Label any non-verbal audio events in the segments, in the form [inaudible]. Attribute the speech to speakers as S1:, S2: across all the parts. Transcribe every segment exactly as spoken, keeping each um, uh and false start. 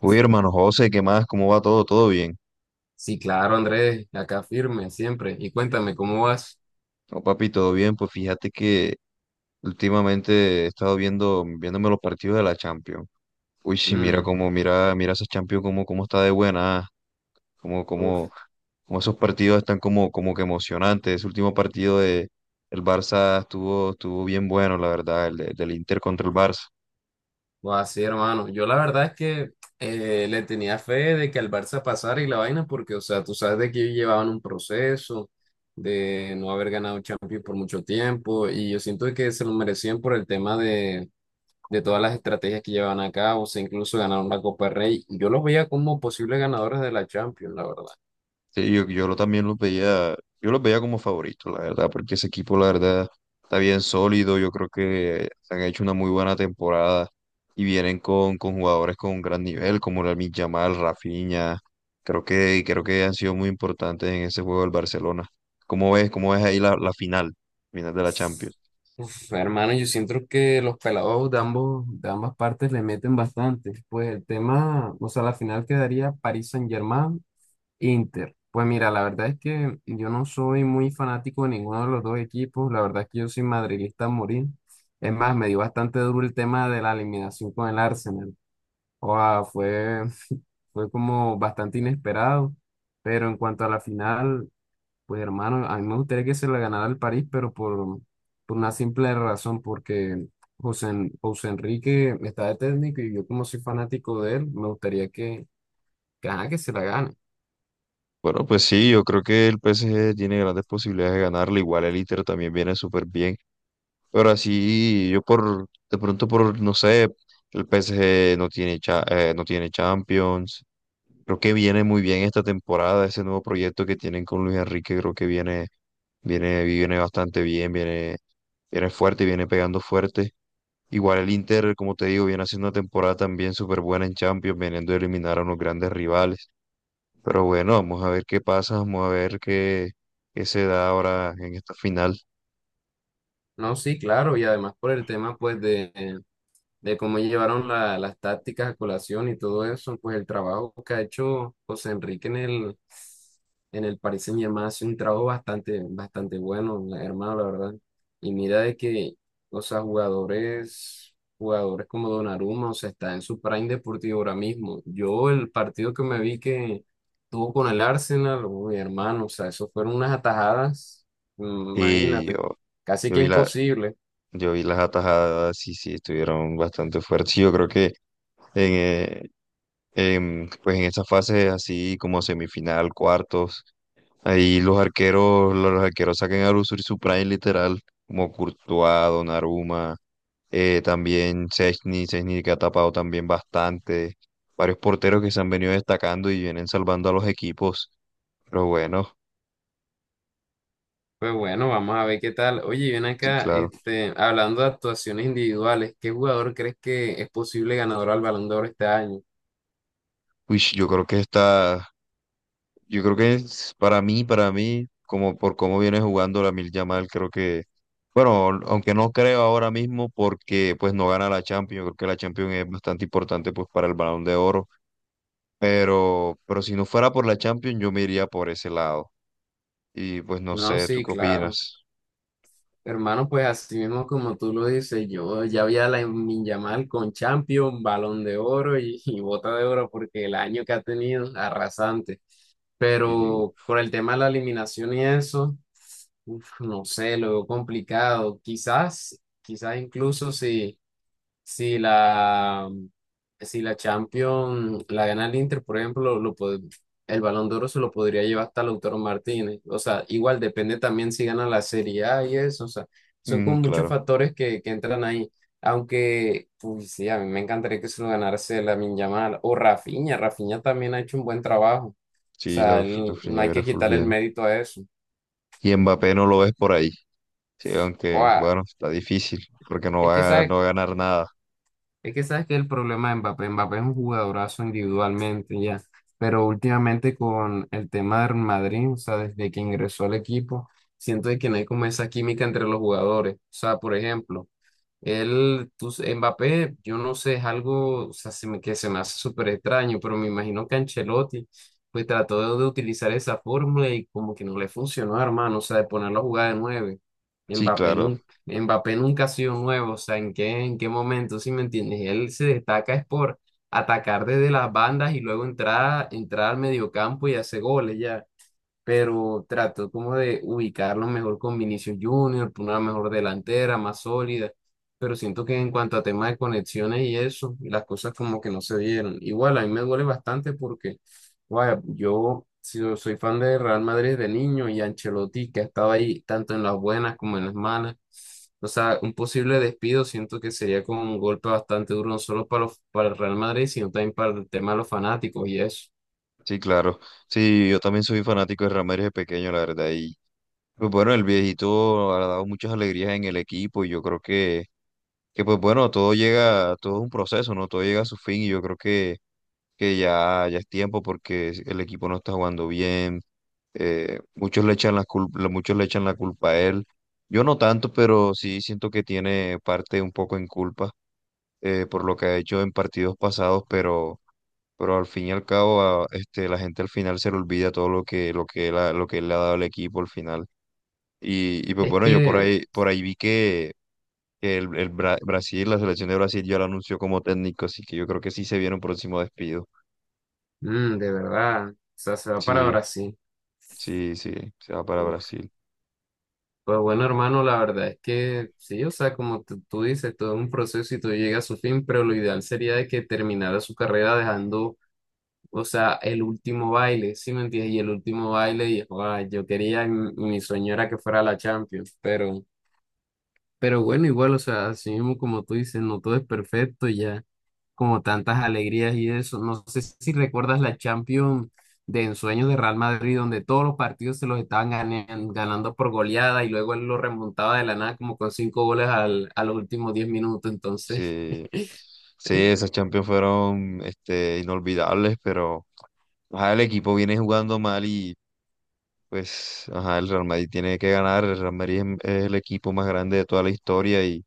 S1: Uy, hermano José, ¿qué más? ¿Cómo va todo? ¿Todo bien?
S2: Sí, claro, Andrés, acá firme siempre. Y cuéntame, ¿cómo vas?
S1: No, papi, todo bien. Pues fíjate que últimamente he estado viendo, viéndome los partidos de la Champions. Uy, sí, mira
S2: Mm,
S1: cómo, mira, mira esa Champions, cómo, cómo está de buena, como, como,
S2: uf,
S1: como esos partidos están como, como que emocionantes. Ese último partido de el Barça estuvo, estuvo bien bueno, la verdad, el de- del Inter contra el Barça.
S2: Va así, hermano. Yo la verdad es que eh, le tenía fe de que al Barça pasara y la vaina, porque, o sea, tú sabes de que ellos llevaban un proceso de no haber ganado Champions por mucho tiempo, y yo siento que se lo merecían por el tema de, de todas las estrategias que llevaban a cabo, o sea, incluso ganaron la Copa del Rey. Yo los veía como posibles ganadores de la Champions, la verdad.
S1: Sí, yo, yo lo también los veía, yo los veía como favoritos, la verdad, porque ese equipo, la verdad, está bien sólido. Yo creo que han hecho una muy buena temporada y vienen con, con jugadores con un gran nivel, como Lamine Yamal, Rafinha. Creo que, creo que han sido muy importantes en ese juego del Barcelona. ¿Cómo ves, cómo ves ahí la, la final, final de la Champions?
S2: Uf, hermano, yo siento que los pelados de ambos, de ambas partes le meten bastante. Pues el tema, o sea, la final quedaría París Saint-Germain, Inter. Pues mira, la verdad es que yo no soy muy fanático de ninguno de los dos equipos. La verdad es que yo soy madridista a morir. Es más, me dio bastante duro el tema de la eliminación con el Arsenal. O sea, fue, [laughs] fue como bastante inesperado. Pero en cuanto a la final, pues hermano, a mí me gustaría que se la ganara el París, pero por, por una simple razón, porque José, En- José Enrique está de técnico y yo como soy fanático de él, me gustaría que, que, ajá, que se la gane.
S1: Bueno, pues sí, yo creo que el P S G tiene grandes posibilidades de ganarle. Igual el Inter también viene súper bien. Pero así, yo por, de pronto por, no sé. El P S G no tiene, cha- eh, no tiene Champions. Creo que viene muy bien esta temporada, ese nuevo proyecto que tienen con Luis Enrique, creo que viene, viene, viene bastante bien, viene, viene fuerte, viene pegando fuerte. Igual el Inter, como te digo, viene haciendo una temporada también súper buena en Champions, veniendo a eliminar a unos grandes rivales. Pero bueno, vamos a ver qué pasa, vamos a ver qué, qué se da ahora en esta final.
S2: No, sí, claro, y además por el tema pues de, de cómo llevaron la- las tácticas a colación y todo eso, pues el trabajo que ha hecho José Enrique en el, en el Paris Saint-Germain ha sido un trabajo bastante, bastante bueno, la- hermano, la verdad. Y mira de que, o sea, jugadores, jugadores como Donnarumma, o sea, está en su prime deportivo ahora mismo. Yo el partido que me vi que tuvo con el Arsenal, mi hermano, o sea, eso fueron unas atajadas, mm,
S1: Y
S2: imagínate,
S1: yo,
S2: casi
S1: yo
S2: que
S1: vi la,
S2: imposible.
S1: Yo vi las atajadas y sí, estuvieron bastante fuertes. Yo creo que en, eh, em, pues en esa fase así como semifinal, cuartos, ahí los arqueros, los arqueros sacan a lucir su prime literal, como Courtois, Donnarumma, eh, también Szczęsny, Szczęsny que ha tapado también bastante, varios porteros que se han venido destacando y vienen salvando a los equipos, pero bueno,
S2: Pues bueno, vamos a ver qué tal. Oye, ven
S1: sí,
S2: acá,
S1: claro.
S2: este, hablando de actuaciones individuales, ¿qué jugador crees que es posible ganador al Balón de Oro este año?
S1: Uy, yo creo que esta, Yo creo que es para mí, para mí, como por cómo viene jugando la Mil Yamal, creo que, bueno, aunque no creo ahora mismo porque pues no gana la Champions, yo creo que la Champions es bastante importante pues para el Balón de Oro, pero, pero si no fuera por la Champions yo me iría por ese lado. Y pues no
S2: No,
S1: sé, ¿tú
S2: sí,
S1: qué
S2: claro.
S1: opinas?
S2: Hermano, pues así mismo como tú lo dices, yo ya vi a Lamine Yamal con Champions, Balón de Oro y, y Bota de Oro porque el año que ha tenido, arrasante.
S1: Y yo,
S2: Pero por el tema de la eliminación y eso, uf, no sé, lo veo complicado. Quizás, quizás incluso si Si la, si la Champions la gana el Inter, por ejemplo, lo pod- el Balón de Oro se lo podría llevar hasta Lautaro Martínez. O sea, igual depende también si gana la Serie A y eso. O sea, son
S1: mm,
S2: con muchos
S1: claro,
S2: factores que, que entran ahí. Aunque, pues sí, a mí me encantaría que se lo ganase Lamine Yamal o Rafinha. Rafinha también ha hecho un buen trabajo. O
S1: sí, la,
S2: sea,
S1: la
S2: él- no hay
S1: Freñavera
S2: que
S1: fue
S2: quitarle el
S1: bien.
S2: mérito a eso.
S1: Y Mbappé no lo ves por ahí, sí,
S2: O
S1: aunque
S2: a-
S1: bueno, está difícil porque no
S2: es que,
S1: va a,
S2: ¿sabes?
S1: no va a ganar nada.
S2: Es que sabes que el problema de Mbappé, Mbappé es un jugadorazo individualmente ya, pero últimamente con el tema del Madrid, o sea, desde que ingresó al equipo, siento de que no hay como esa química entre los jugadores. O sea, por ejemplo, él, tú, Mbappé, yo no sé, es algo, o sea, se me- que se me hace súper extraño, pero me imagino que Ancelotti, pues trató de utilizar esa fórmula y como que no le funcionó, hermano, o sea, de ponerlo a jugar de nueve.
S1: Sí,
S2: Mbappé
S1: claro.
S2: nunca, Mbappé nunca ha sido nuevo, o sea, ¿en qué, en qué momento, si me entiendes? Él se destaca es por atacar desde las bandas y luego entrar, entrar al mediocampo y hacer goles ya, pero trato como de ubicarlo mejor con Vinicius Junior, por una mejor delantera, más sólida, pero siento que en cuanto a temas de conexiones y eso, las cosas como que no se dieron. Igual, a mí me duele bastante porque, vaya, yo si- yo soy fan de Real Madrid de niño y Ancelotti, que ha estado ahí tanto en las buenas como en las malas. O sea, un posible despido siento que sería como un golpe bastante duro, no solo para, los- para el Real Madrid, sino también para el tema de los fanáticos y eso.
S1: Sí, claro. Sí, yo también soy fanático de Ramírez de pequeño, la verdad. Y pues bueno, el viejito ha dado muchas alegrías en el equipo y yo creo que, que pues bueno, todo llega, todo es un proceso, ¿no? Todo llega a su fin y yo creo que, que ya, ya es tiempo porque el equipo no está jugando bien. eh, muchos le echan la culpa, muchos le echan la culpa a él. Yo no tanto, pero sí siento que tiene parte un poco en culpa, eh, por lo que ha hecho en partidos pasados, pero, pero al fin y al cabo, a- este, la gente al final se le olvida todo lo que, lo que él ha- lo que él le ha dado al equipo al final. Y, y pues
S2: Es
S1: bueno, yo por
S2: que
S1: ahí, por ahí vi que, que el, el Bra- Brasil, la selección de Brasil ya lo anunció como técnico, así que yo creo que sí se viene un próximo despido.
S2: mm, de verdad, o sea, se va para
S1: Sí,
S2: Brasil.
S1: sí, sí, se va para
S2: Uf,
S1: Brasil.
S2: pues bueno, hermano, la verdad es que sí, o sea, como tú, tú dices, todo es un proceso y todo llega a su fin, pero lo ideal sería de que terminara su carrera dejando, o sea, el último baile, ¿sí me entiendes? Y el último baile, y joda, yo quería, mi, mi sueño era que fuera la Champions, pero, pero bueno, igual, o sea, así mismo como tú dices, no todo es perfecto ya, como tantas alegrías y eso. No sé si recuerdas la Champions de ensueños de Real Madrid, donde todos los partidos se los estaban ganan- ganando por goleada y luego él lo remontaba de la nada como con cinco goles al, a los últimos diez minutos. Entonces,
S1: Sí, sí, esas Champions fueron este, inolvidables, pero ajá, el equipo viene jugando mal y pues ajá, el Real Madrid tiene que ganar. El Real Madrid es, es el equipo más grande de toda la historia y,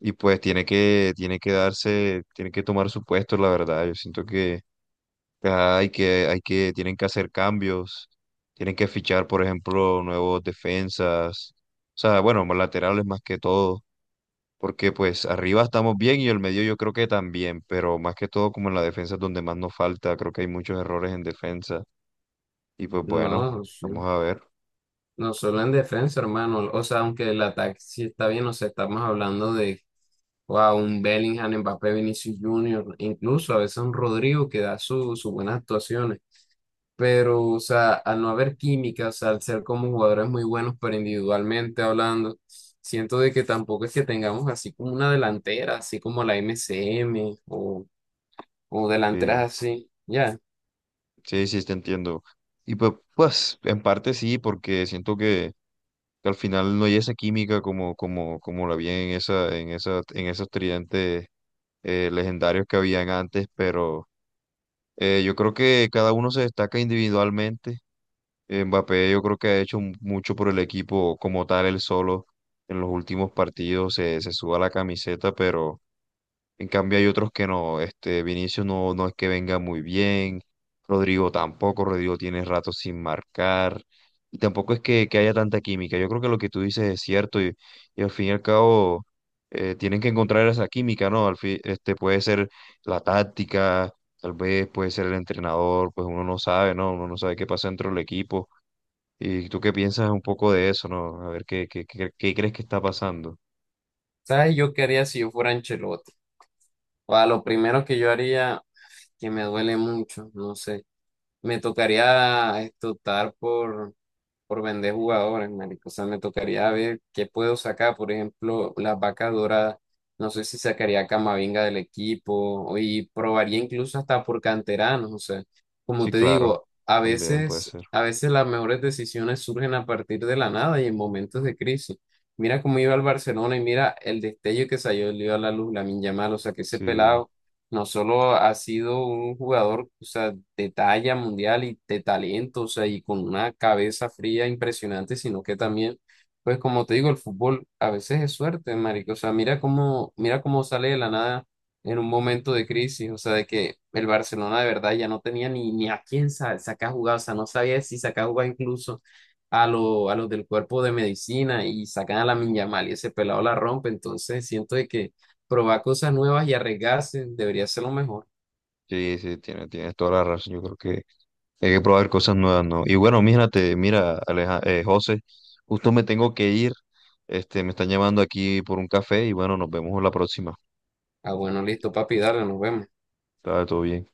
S1: y pues tiene que, tiene que darse, tiene que tomar su puesto, la verdad. Yo siento que Ah, Hay que, hay que, tienen que hacer cambios, tienen que fichar, por ejemplo, nuevos defensas, o sea, bueno, más laterales más que todo, porque pues arriba estamos bien y el medio yo creo que también, pero más que todo como en la defensa es donde más nos falta, creo que hay muchos errores en defensa y pues bueno,
S2: no, sí.
S1: vamos a ver.
S2: No solo en defensa, hermano. O sea, aunque el ataque sí está bien, o sea, estamos hablando de wow, un Bellingham, Mbappé, Vinicius Junior, incluso a veces un Rodrigo que da su- sus buenas actuaciones, pero, o sea, al no haber química, o sea, al ser como jugadores muy buenos, pero individualmente hablando, siento de que tampoco es que tengamos así como una delantera, así como la M C M o, o
S1: Sí.
S2: delanteras así, ya.
S1: Sí, sí, te entiendo. Y pues, pues, en parte sí, porque siento que, que al final no hay esa química como, como, como la había en esa, en esa, en esos tridentes eh, legendarios que habían antes, pero eh, yo creo que cada uno se destaca individualmente. Mbappé yo creo que ha hecho mu- mucho por el equipo como tal, él solo en los últimos partidos se, se suba la camiseta, pero en cambio hay otros que no, este Vinicius no, no es que venga muy bien, Rodrigo tampoco, Rodrigo tiene rato sin marcar, y tampoco es que, que haya tanta química. Yo creo que lo que tú dices es cierto y, y al fin y al cabo eh, tienen que encontrar esa química, ¿no? Al fin, este puede ser la táctica, tal vez puede ser el entrenador, pues uno no sabe, ¿no? Uno no sabe qué pasa dentro del equipo. ¿Y tú qué piensas un poco de eso, ¿no? A ver qué, qué, qué, qué crees que está pasando.
S2: ¿Sabes? Yo qué haría si yo fuera Ancelotti. O a lo primero que yo haría, que me duele mucho, no sé, me tocaría esto, optar por por vender jugadores, marico. O sea, me tocaría ver qué puedo sacar. Por ejemplo, las vacas doradas. No sé si sacaría a Camavinga del equipo y probaría incluso hasta por canteranos. O sea, como
S1: Sí,
S2: te
S1: claro,
S2: digo, a
S1: también puede
S2: veces,
S1: ser.
S2: a veces las mejores decisiones surgen a partir de la nada y en momentos de crisis. Mira cómo iba el Barcelona y mira el destello que salió, le dio a la luz, Lamine Yamal. O sea, que ese
S1: Sí.
S2: pelado no solo ha sido un jugador, o sea, de talla mundial y de talento, o sea, y con una cabeza fría impresionante, sino que también, pues como te digo, el fútbol a veces es suerte, marico. O sea, mira cómo, mira cómo sale de la nada en un momento de crisis, o sea, de que el Barcelona de verdad ya no tenía ni, ni a quién sa- sacar jugar, o sea, no sabía si sacar jugar incluso a, lo, a los del cuerpo de medicina y sacan a la Yamal y ese pelado la rompe, entonces siento de que probar cosas nuevas y arriesgarse debería ser lo mejor.
S1: Sí, sí, tienes, tienes toda la razón. Yo creo que hay que probar cosas nuevas, ¿no? Y bueno, mírate, mira, Aleja, eh, José, justo me tengo que ir. Este, me están llamando aquí por un café y bueno, nos vemos la próxima.
S2: Ah, bueno, listo, papi, dale, nos vemos.
S1: Está todo bien.